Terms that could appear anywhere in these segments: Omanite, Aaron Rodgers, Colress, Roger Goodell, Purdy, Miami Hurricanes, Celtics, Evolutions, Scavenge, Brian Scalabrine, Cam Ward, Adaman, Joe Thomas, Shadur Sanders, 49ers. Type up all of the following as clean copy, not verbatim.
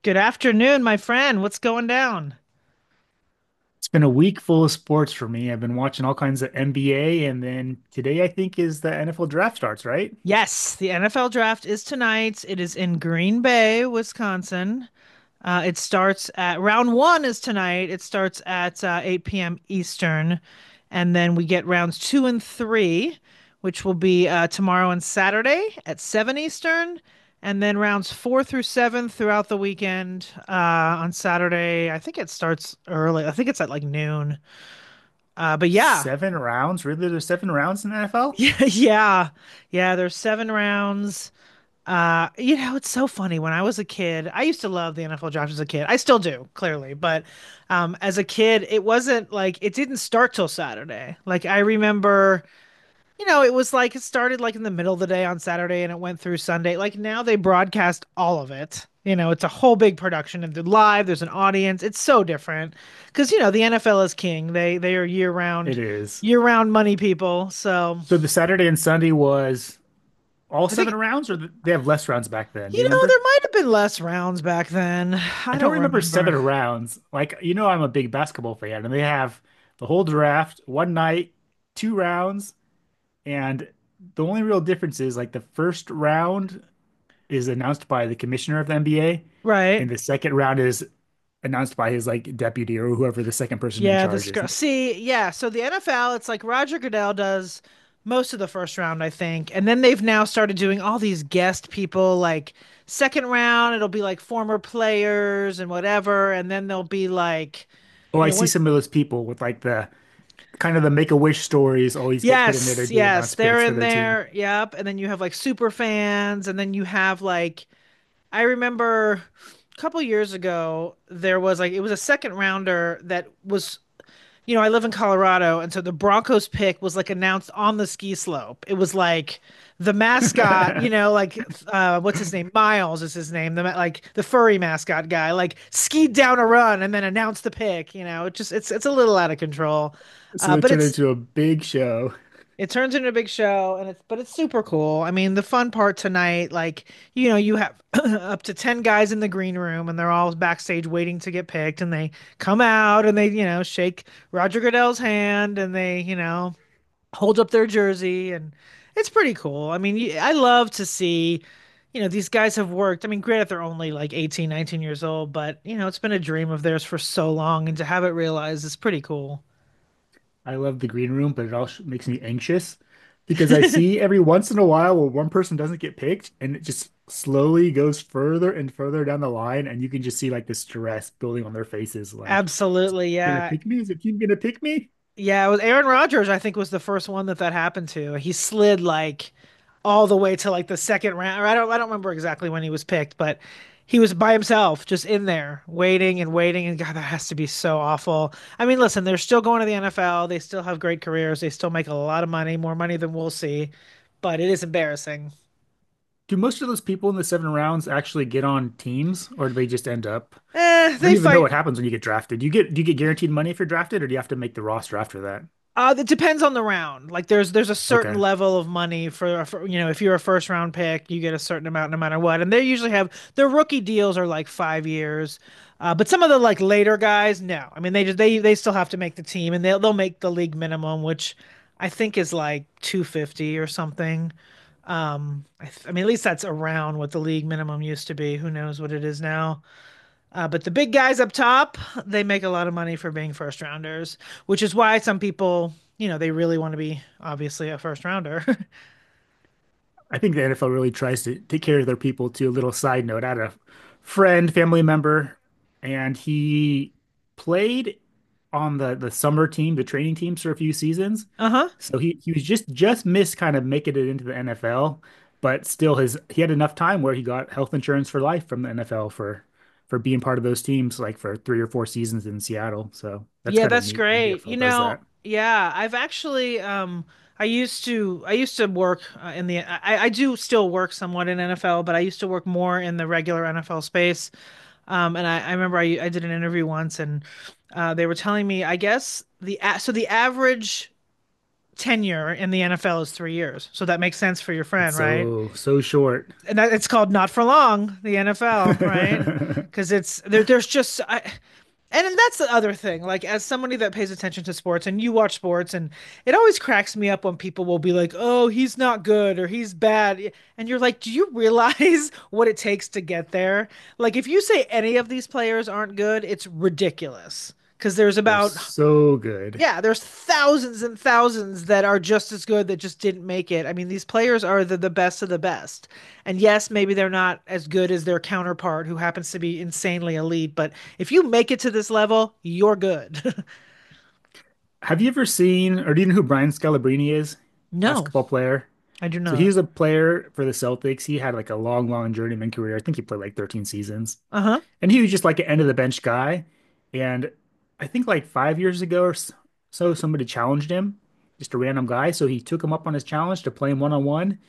Good afternoon, my friend. What's going down? It's been a week full of sports for me. I've been watching all kinds of NBA, and then today I think is the NFL draft starts, right? Yes, the NFL draft is tonight. It is in Green Bay, Wisconsin. It starts at round one is tonight. It starts at 8 p.m. Eastern, and then we get rounds two and three, which will be tomorrow and Saturday at 7 Eastern, and then rounds four through seven throughout the weekend. On Saturday, I think it starts early. I think it's at like noon. But yeah. Seven rounds? Really? There's seven rounds in the NFL? Yeah, yeah, yeah. There's seven rounds. It's so funny. When I was a kid, I used to love the NFL draft as a kid. I still do, clearly, but as a kid, it wasn't like it didn't start till Saturday. Like I remember, you know, it was like it started like in the middle of the day on Saturday and it went through Sunday. Like now they broadcast all of it. You know, it's a whole big production and they're live. There's an audience. It's so different because you know the NFL is king. They are It is. year round money people. So. So the Saturday and Sunday was all I seven think rounds, or they have less rounds back then? Do you you know, remember? there might have been less rounds back then. I I don't don't remember seven remember. rounds. Like, you know, I'm a big basketball fan, and they have the whole draft, one night, two rounds, and the only real difference is like the first round is announced by the commissioner of the NBA, Right? and the second round is announced by his like deputy or whoever the second person in Yeah, charge this is. girl. See, yeah. So the NFL, it's like Roger Goodell does most of the first round, I think. And then they've now started doing all these guest people, like second round, it'll be like former players and whatever. And then they'll be like, Oh, you I know, see when. some of those people with like the kind of the Make-A-Wish stories always get put in there to Yes, do yes, announce they're picks for in their team. there. Yep. And then you have like super fans, and then you have like I remember a couple years ago, there was like, it was a second rounder that was, you know, I live in Colorado. And so the Broncos pick was like announced on the ski slope. It was like the mascot, you know, like, what's his name? Miles is his name. The, like the furry mascot guy, like skied down a run and then announced the pick, you know, it's a little out of control. So Uh, they but turn it's, into a big show. it turns into a big show and it's super cool. I mean, the fun part tonight, like, you know, you have up to 10 guys in the green room and they're all backstage waiting to get picked and they come out and they, you know, shake Roger Goodell's hand and they, you know, hold up their jersey and it's pretty cool. I mean, you- I love to see, you know, these guys have worked. I mean, granted they're only like 18, 19 years old, but you know, it's been a dream of theirs for so long and to have it realized is pretty cool. I love the green room, but it also makes me anxious because I see every once in a while where one person doesn't get picked and it just slowly goes further and further down the line. And you can just see like the stress building on their faces. Like, is it Absolutely, gonna yeah. pick me? Is the team gonna pick me? Yeah, it was Aaron Rodgers, I think, was the first one that happened to. He slid like all the way to like the second round. Or I don't remember exactly when he was picked, but he was by himself, just in there, waiting and waiting. And God, that has to be so awful. I mean, listen, they're still going to the NFL. They still have great careers. They still make a lot of money, more money than we'll see, but it is embarrassing. Do most of those people in the seven rounds actually get on teams or do they just end up? Eh, I they don't even know fight. what happens when you get drafted. Do you get guaranteed money if you're drafted or do you have to make the roster after that? It depends on the round. Like there's a certain Okay. level of money for you know if you're a first round pick, you get a certain amount no matter what. And they usually have their rookie deals are like 5 years, but some of the like later guys, no. I mean they just they still have to make the team and they'll make the league minimum, which I think is like 250 or something. I mean at least that's around what the league minimum used to be. Who knows what it is now? But the big guys up top, they make a lot of money for being first rounders, which is why some people, you know, they really want to be obviously a first rounder. I think the NFL really tries to take care of their people too. A little side note, I had a friend, family member, and he played on the summer team, the training teams for a few seasons. uh huh. So he was just missed kind of making it into the NFL, but still his he had enough time where he got health insurance for life from the NFL for being part of those teams, like for three or four seasons in Seattle. So that's Yeah, kind of that's neat. great. NFL You does know, that. yeah, I've actually, I used to work in I do still work somewhat in NFL, but I used to work more in the regular NFL space. I remember I did an interview once and they were telling me, I guess so the average tenure in the NFL is 3 years. So that makes sense for your It's friend, right? so so short. And that, it's called not for long, the NFL, right? Because it's there. And then that's the other thing. Like as somebody that pays attention to sports, and you watch sports, and it always cracks me up when people will be like, "Oh, he's not good" or "He's bad," and you're like, "Do you realize what it takes to get there?" Like if you say any of these players aren't good, it's ridiculous because there's They're about so good. yeah, there's thousands and thousands that are just as good that just didn't make it. I mean, these players are the best of the best. And yes, maybe they're not as good as their counterpart who happens to be insanely elite, but if you make it to this level, you're good. Have you ever seen, or do you know who Brian Scalabrine is? no, Basketball player. I do So not. he's a player for the Celtics. He had like a long, long journeyman career. I think he played like 13 seasons. Uh-huh. And he was just like an end of the bench guy. And I think like 5 years ago or so, somebody challenged him, just a random guy. So he took him up on his challenge to play him one on one.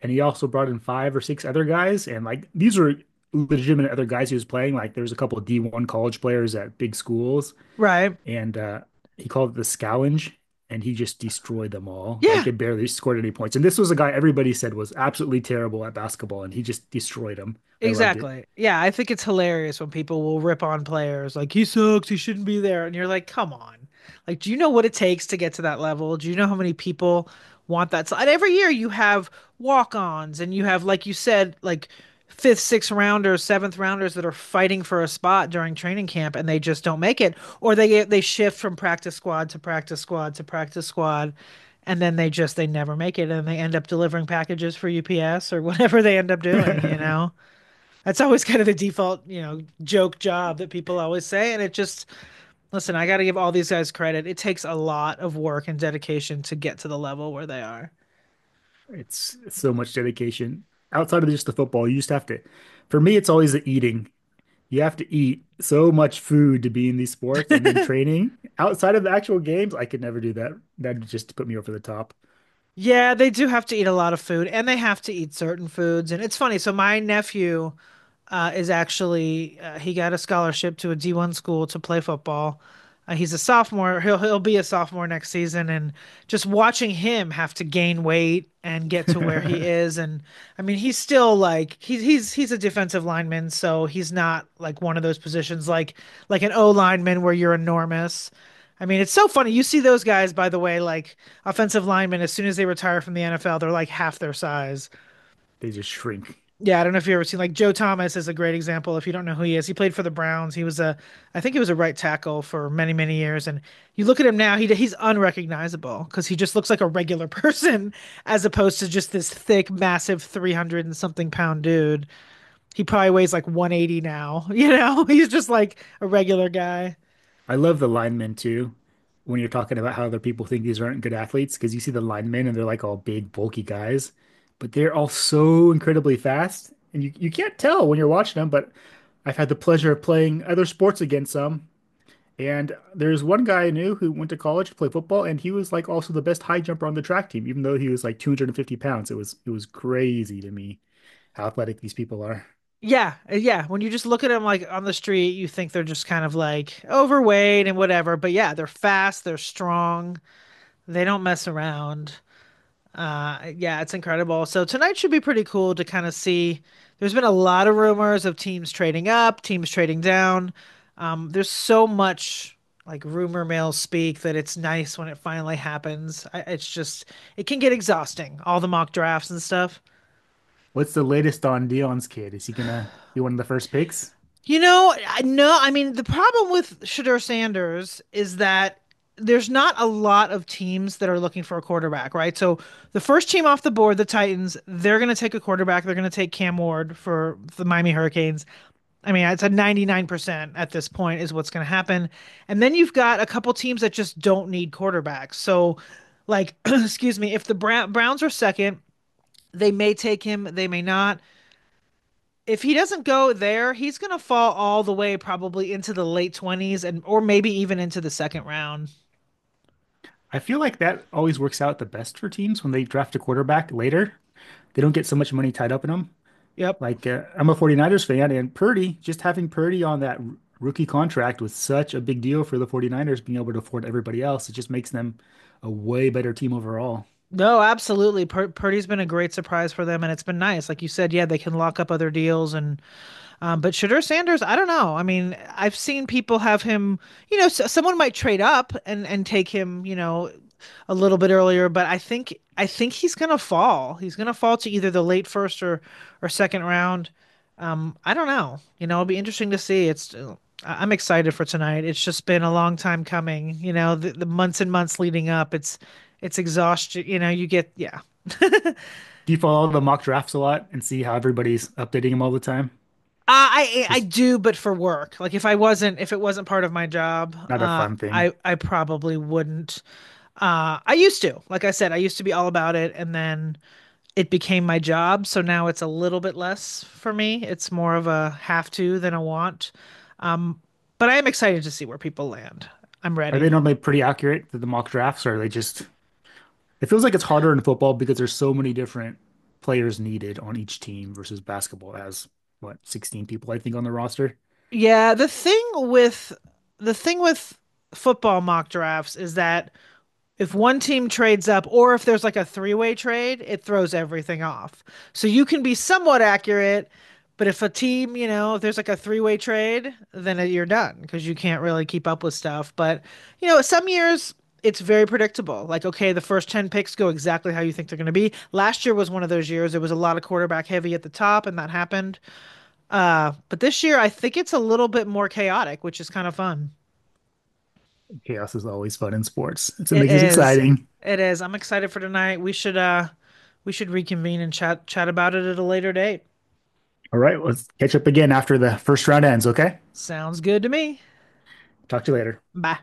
And he also brought in five or six other guys. And like these were legitimate other guys he was playing. Like there was a couple of D1 college players at big schools Right. and he called it the Scavenge, and he just destroyed them all. Like Yeah. they barely scored any points. And this was a guy everybody said was absolutely terrible at basketball, and he just destroyed them. I loved it. Exactly. Yeah, I think it's hilarious when people will rip on players like he sucks, he shouldn't be there, and you're like, come on. Like, do you know what it takes to get to that level? Do you know how many people want that? So, and every year you have walk-ons and you have, like you said, like fifth, sixth rounders, seventh rounders that are fighting for a spot during training camp and they just don't make it, or they shift from practice squad to practice squad to practice squad. And then they never make it and they end up delivering packages for UPS or whatever they end up doing, you know? That's always kind of the default, you know, joke job that people always say. And it just, listen, I got to give all these guys credit. It takes a lot of work and dedication to get to the level where they are. It's so much dedication. Outside of just the football, you just have to. For me, it's always the eating. You have to eat so much food to be in these sports, and then training outside of the actual games. I could never do that. That just put me over the top. Yeah, they do have to eat a lot of food and they have to eat certain foods. And it's funny. So, my nephew is actually he got a scholarship to a D1 school to play football. He's a sophomore. He'll be a sophomore next season, and just watching him have to gain weight and get to where he is, and I mean he's still like he's a defensive lineman, so he's not like one of those positions like an O lineman where you're enormous. I mean, it's so funny. You see those guys, by the way, like offensive linemen, as soon as they retire from the NFL, they're like half their size. They just shrink. Yeah, I don't know if you've ever seen like Joe Thomas is a great example. If you don't know who he is, he played for the Browns. I think he was a right tackle for many many years. And you look at him now, he's unrecognizable because he just looks like a regular person as opposed to just this thick, massive, 300 and something pound dude. He probably weighs like 180 now. You know, he's just like a regular guy. I love the linemen too. When you're talking about how other people think these aren't good athletes, because you see the linemen and they're like all big, bulky guys, but they're all so incredibly fast, and you can't tell when you're watching them. But I've had the pleasure of playing other sports against some, and there's one guy I knew who went to college to play football, and he was like also the best high jumper on the track team, even though he was like 250 pounds. It was crazy to me how athletic these people are. Yeah. When you just look at them like on the street, you think they're just kind of like overweight and whatever. But yeah, they're fast, they're strong, they don't mess around. Yeah, it's incredible. So tonight should be pretty cool to kind of see. There's been a lot of rumors of teams trading up, teams trading down. There's so much like rumor mill speak that it's nice when it finally happens. It's just it can get exhausting, all the mock drafts and stuff. What's the latest on Dion's kid? Is he gonna be one of the first picks? No, I mean, the problem with Shadur Sanders is that there's not a lot of teams that are looking for a quarterback, right? So the first team off the board, the Titans, they're going to take a quarterback. They're going to take Cam Ward for the Miami Hurricanes. I mean, it's a 99% at this point is what's going to happen. And then you've got a couple teams that just don't need quarterbacks. So, like, excuse me, if the Browns are second, they may take him, they may not if he doesn't go there, he's gonna fall all the way probably into the late 20s and or maybe even into the second round. I feel like that always works out the best for teams when they draft a quarterback later. They don't get so much money tied up in them. Yep. Like, I'm a 49ers fan, and Purdy, just having Purdy on that rookie contract was such a big deal for the 49ers being able to afford everybody else. It just makes them a way better team overall. No, absolutely. Purdy's been a great surprise for them, and it's been nice. Like you said, yeah, they can lock up other deals and but Shadur Sanders, I don't know. I mean, I've seen people have him, you know, s someone might trade up and take him, you know, a little bit earlier, but I think he's gonna fall. He's gonna fall to either the late first or second round. I don't know. You know, it'll be interesting to see. It's I'm excited for tonight. It's just been a long time coming. You know, the months and months leading up. It's exhaustion. You know, you get yeah. Do you follow the mock drafts a lot and see how everybody's updating them all the time? I Just do, but for work. Like if I wasn't, if it wasn't part of my job, not a fun thing. I probably wouldn't. I used to, like I said, I used to be all about it, and then it became my job. So now it's a little bit less for me. It's more of a have to than a want. Um, but I am excited to see where people land. I'm Are they ready. normally pretty accurate to the mock drafts, or are they just— it feels like it's harder in football because there's so many different players needed on each team versus basketball as what, 16 people, I think, on the roster. Yeah, the thing with football mock drafts is that if one team trades up or if there's like a three-way trade, it throws everything off. So you can be somewhat accurate, but if a team, you know, if there's like a three-way trade, then you're done because you can't really keep up with stuff. But, you know, some years it's very predictable. Like, okay, the first 10 picks go exactly how you think they're going to be. Last year was one of those years. It was a lot of quarterback heavy at the top, and that happened. But this year, I think it's a little bit more chaotic, which is kind of fun. Chaos is always fun in sports. It's what It makes it is. exciting. It is. I'm excited for tonight. We should reconvene and chat about it at a later date. All right, let's catch up again after the first round ends, okay? Sounds good to me. Talk to you later. Bye.